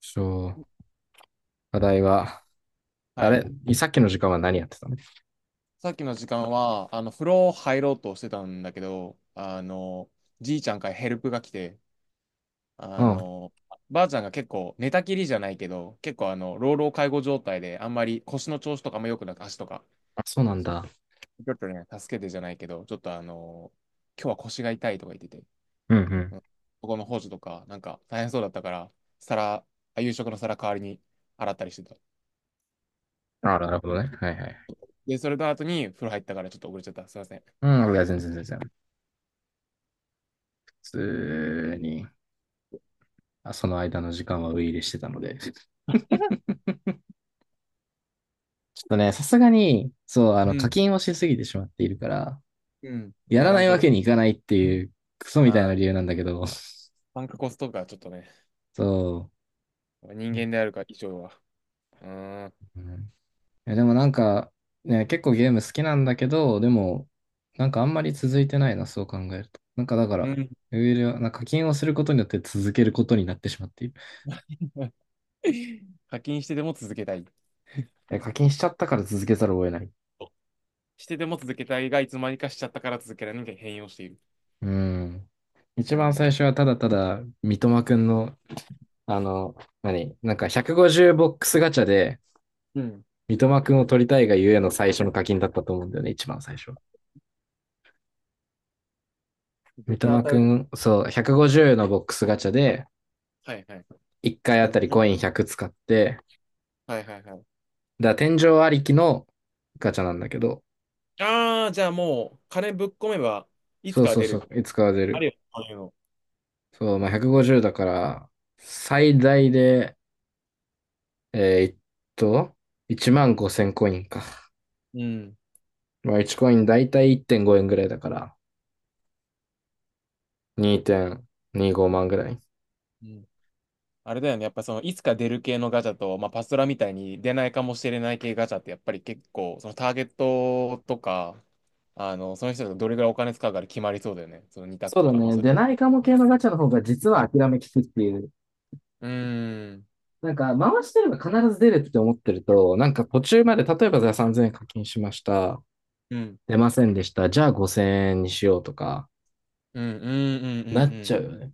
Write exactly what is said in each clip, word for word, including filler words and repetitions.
そう。課題は、はあい。れ、さっきの時間は何やってたの？さっきの時間は、あの、風呂入ろうとしてたんだけど、あの、じいちゃんからヘルプが来て、うあん。あ、の、ばあちゃんが結構寝たきりじゃないけど、結構あの、老老介護状態で、あんまり腰の調子とかも良くなく、足とか、そうなんだ。ちょっとね、助けてじゃないけど、ちょっとあの、今日は腰が痛いとか言ってて、うんううん。ん、ここの補助とか、なんか大変そうだったから、皿、あ夕食の皿代わりに洗ったりしてた。あ、なるほどね。はいはい。で、それと後に風呂入ったからちょっと遅れちゃった。すいません。うん、いや、全然全然。普通に、あその間の時間はウイイレしてたので。ちょっとね、さすがに、そう、あうの、課ん、金をしすぎてしまっているから、うん、ややらならいざわるを。けにいかないっていう、クソみたいなは理い、由なんだけど、参加コストがちょっとね、そ人う。間であるか以上は。うーん。うん。いや、でもなんか、ね、結構ゲーム好きなんだけど、でも、なんかあんまり続いてないな、そう考えると。なんかだかうら、ん。 ウェルはなんか課金をすることによって続けることになってしまっている。課金してでも続けたい。え、課金しちゃったから続けざるを得ない。してでも続けたいが、いつまにかしちゃったから続けられない変容している。うん。う一番ん。最初はただただ、三笘くんの、あの、何なんかひゃくごじゅうボックスガチャで、うん。三笘くんを取りたいがゆえの最初の課金だったと思うんだよね、一番最初。三絶対当笘たくるとん、そう、思う。ひゃくごじゅうのボックスガチャで、はいはい。いっかいいち あれい たりぜろ。コインひゃく使って、はいはいはい。だから天井ありきのガチャなんだけど、ああ、じゃあもう、金ぶっ込めば、いつそうかはそう出そる。う、いつかは出ある。るよ、そういうの。そう、まあ、ひゃくごじゅうだから、最大で、えーっと、いちごせんコインか。うん。まあ、いちコインだいたいいってんごえんぐらいだから、にてんにごまんぐらい。うん。あれだよね。やっぱその、いつか出る系のガチャと、まあ、パストラみたいに出ないかもしれない系ガチャって、やっぱり結構、そのターゲットとか、あの、その人がどれぐらいお金使うから決まりそうだよね。その二択そうとだか。まあ、ね。それ。出ないかも系のガチャの方が実は諦めきくっていう。うーん。なんか、回してれば必ず出るって思ってると、なんか途中まで、例えばじゃあさんぜんえん課金しました。うん。出ませんでした。じゃあごせんえんにしようとか、うん。うん。うん。なうん。っうちん。ゃうよね。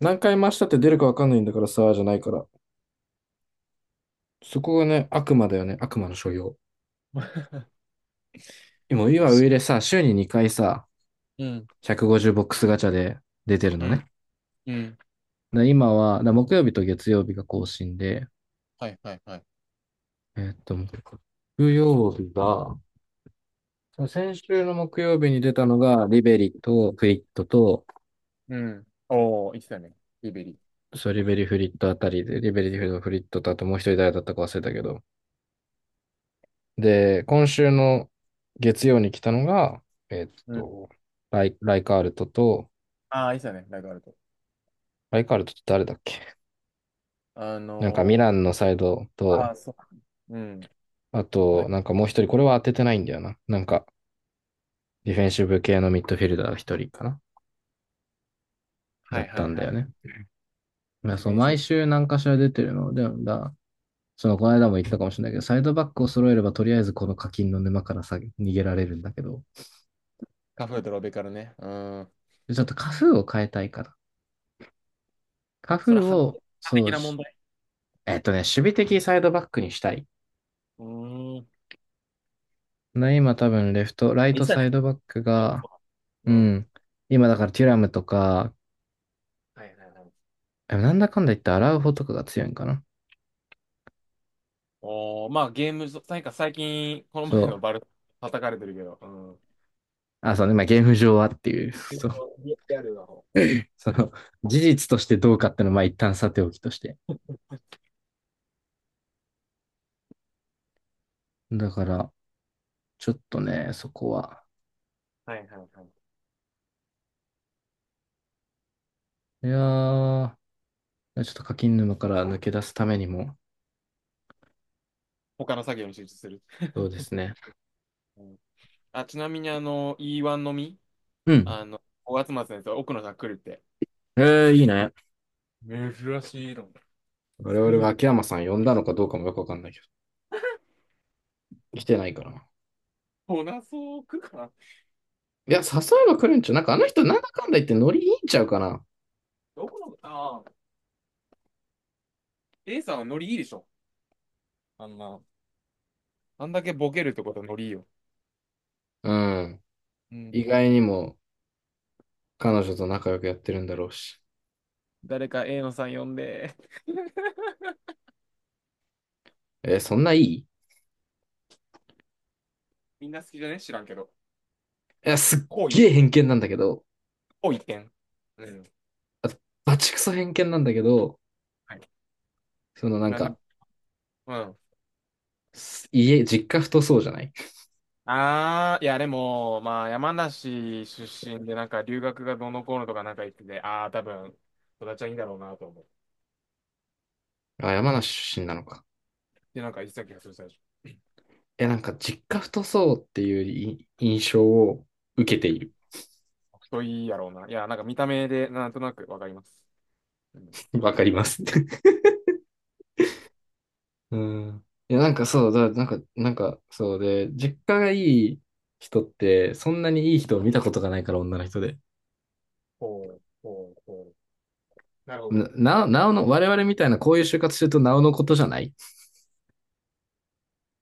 何回回したって出るかわかんないんだからさ、じゃないから。そこがね、悪魔だよね、悪魔の所用。今、よ今し。上でさ、週ににかいさ、うん。ひゃくごじゅうボックスガチャで出てるうのん。ね。うん。で今は、だ木曜日と月曜日が更新で、はい。はい。はい。えーっと、木曜日が、先週の木曜日に出たのが、リベリとフリットと、うん。おー、言ってたね。リベリ。そう、リベリフリットあたりで、リベリフリットとあともう一人誰だったか忘れたけど、で、今週の月曜に来たのが、えっうん。と、ライ、ライカールトと、ああ、言ってたね。ラグあると。ライカールトって誰だっけ？あなんかミラのンのサイドー、あと、あ、そうか。うん。あバと、イ。なんかもう一人、これは当ててないんだよな。なんか、ディフェンシブ系のミッドフィルダー一人かな、はだっい。はたい。んはだよい。ね。まデあ、ィフそう、ェンシ毎ブ。週何かしら出てるので、だ、その、この間も言ったかもしれないけど、サイドバックを揃えれば、とりあえずこの課金の沼からさ、逃げられるんだけど、カフードロベカルね。うん。ちょっとカフーを変えたいから。カそれフーは、を、反そ的うな問し、題。えっとね、守備的サイドバックにしたい。うーん。で、今多分レフト、ライ言トってたサね。イドバックが、そうう。うん。ん。今だからテュラムとか、はい。はい。はい。でもなんだかんだ言ってアラウホとかが強いんかな。おー、まあゲーム上なんか最近、このそ前のう。バル、叩かれてるけど、うん。あ、そうね。まあ、ゲーム上はっていう。ゲーそムう。のリリアルな方。その、事実としてどうかってのは、まあ、一旦さておきとして。だから、ちょっとね、そこは。はいはいはい。いやー、ちょっと課金沼から抜け出すためにも、他の作業に集中する。そうですね。うん。あ、ちなみにあの、イーワン のみ、うん。あの、ごがつ末のやつ、奥野さん来るって。えー、いいね。珍しいの。我来々はる。秋山さん呼んだのかどうかもよくわかんないけど、来てないから。来なそう、来るかな。いや、誘えば来るんちゃう。なんかあの人、なんだかんだ言ってノリいいんちゃうかな。奥野、ああ、A さんはノリいいでしょ。あんな。あんだけボケるってことはノリいいよ。うん。う意ん。外にも彼女と仲良くやってるんだろうし。誰か A のさん呼んで。えーそんないいいみんな好きじゃね知らんけど。や、すっこうい、げえ偏見なんだけど、こう一点。うん。あと、バチクソ偏見なんだけど、はい。そのなんなんで、か、うん。す家、実家太そうじゃない？ああ、いや、でも、まあ、山梨出身で、なんか、留学がどうのこうのとかなんか言ってて、ああ、多分、育ちはいいんだろうなと思っあ、山梨出身なのか。て、なんか言ってた気がする、最初。いや、なんか実家太そうっていうい印象を受けうていん。る。人いいやろうな。いや、なんか見た目で、なんとなくわかります。うん。わそかしりたまらす。うん。いや、なんかな、そう、だ、なんか、なんか、そうで、実家がいい人って、そんなにいい人を見たことがないから、女の人で。ほう、ほう、ほう。なるほど。な、なお、なおの、我々みたいなこういう就活してると、なおのことじゃない？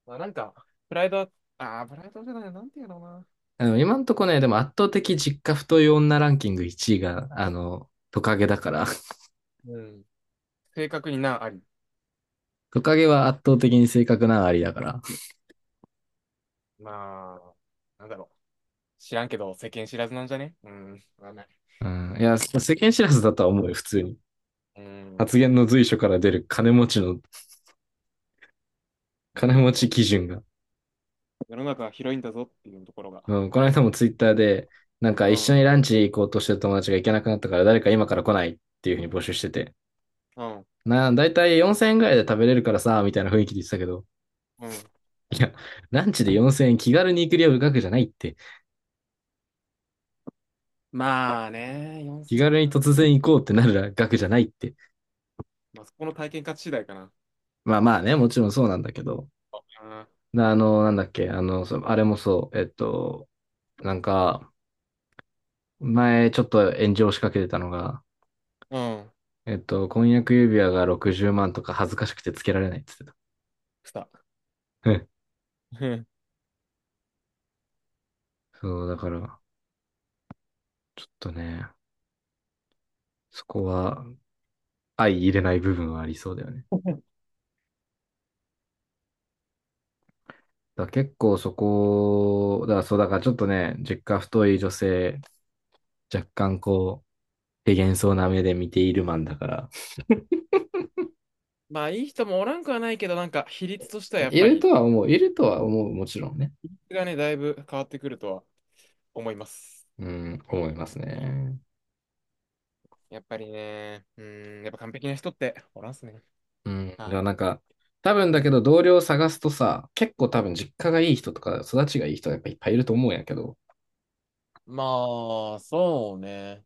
まあ、なんか、プライドは、ああ、プライドじゃない、なんていうのかな。あの、今んとこね、でも圧倒的実家太い女ランキングいちいが、あの、トカゲだから。うん。正確にな、あり。トカゲは圧倒的に性格なありだから。まあ、なんだろう。知らんけど、世間知らずなんじゃね。うん。わかんない。うん。いや、世間知らずだとは思うよ、普通に。うん。発言の随所から出る金持ちの、う金持ちん。基準が。世の中は広いんだぞっていうところがうん、このあ間り。もツイッターで、なんかう一緒ん、にランチ行こうとしてる友達が行けなくなったから誰か今から来ないっていうふうに募集してて。うん、な、だいたいよんせんえんぐらいで食べれるからさ、みたいな雰囲気で言ってたけど。うん。いや、ランチでよんせんえん気軽に行く量額じゃないって。まあね、よん 気ぜろ軽にか。突然行こうってなる額じゃないって。まあ、そこの体験価値次第かな。まあまあね、もちろんそうなんだけど。なあの、なんだっけ、あの、そあれもそう、えっと、なんか、前ちょっと炎上しかけてたのが、うん。うんえっと、婚約指輪がろくじゅうまんとか恥ずかしくてつけられないって言ってくた。た。うん。そう、だから、ちょっとね、そこは相入れない部分はありそうだよね。だから結構そこ、だからそう、だからちょっとね、実家太い女性、若干こう、手幻想な目で見ているマンだから、まあ、いい人もおらんくはないけど、なんか、比率としていはや、やっいぱるとり、は思う、いるとは思う、もちろんね。比率がね、だいぶ変わってくるとは思います。うん、思いますね。やっぱりね、うん、やっぱ完璧な人っておらんっすね。うん、だかあ、らなんか、多分うだけん。ど同僚を探すとさ、結構多分実家がいい人とか育ちがいい人がやっぱいっぱいいると思うんやけど、まあ、そうね。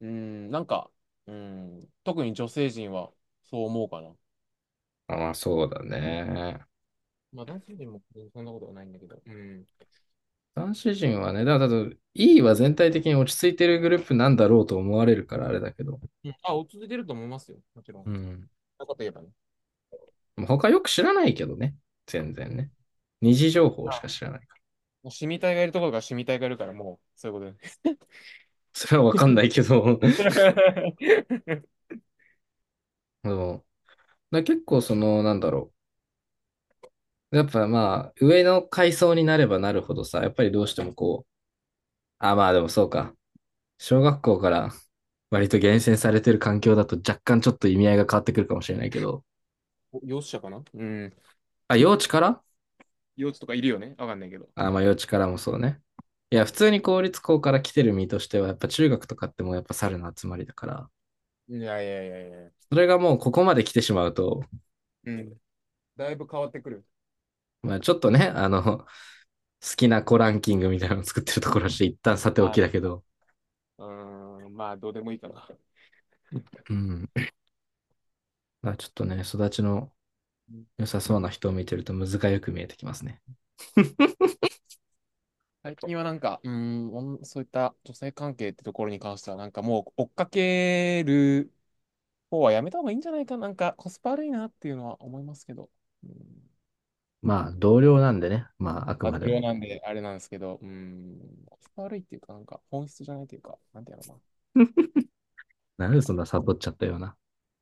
うん、なんか、うん、特に女性陣はそう思うかな。あまあそうだね。まあ、男性陣もそんなことはないんだけど。うん。男子陣はね、だから多分 イー は全体的に落ち着いてるグループなんだろうと思われるからあれだけど。うん。あ、お続いてると思いますよ。もちろん。うん。そんなこと言えばね。まあ他よく知らないけどね。全う然ね。ん。二次情報しかあ、知らないから。もう、シミ体がいるところがシミ体がいるから、もう、そういうこそれはわかんないけど。とで。そうだから結構その、なんだろう。やっぱまあ、上の階層になればなるほどさ、やっぱりどうしてもこう、あ、まあでもそうか。小学校から割と厳選されてる環境だと若干ちょっと意味合いが変わってくるかもしれないけど、お幼稚者かな。うん。あ、幼 稚から、幼稚とかいるよね、わかんないけど。あ、まあ、幼稚からもそうね。いや、普通うに公立校から来てる身としては、やっぱ中学とかってもうやっぱ猿の集まりだから、ん。いやいやいやいや。それがもうここまで来てしまうと、うん。だいぶ変わってくる。まあ、ちょっとね、あの、好きな子ランキングみたいなのを作ってるところして、一旦さておはきだい。けど、うーん、まあ、どうでもいいかな。うん。まあ、ちょっとね、育ちのうん。 良さそうな人を見てると、むずがよく見えてきますね。最近はなんか、うーん、おんそういった女性関係ってところに関しては、なんかもう追っかける方はやめた方がいいんじゃないかな。なんかコスパ悪いなっていうのは思いますけど。うん。まあ、同僚なんでね、まあ、あくまあ、ま同で僚も。なんであれなんですけど、うん。コスパ悪いっていうか、なんか本質じゃないというか、なんていうのかなんな。でそんなサボっちゃったような。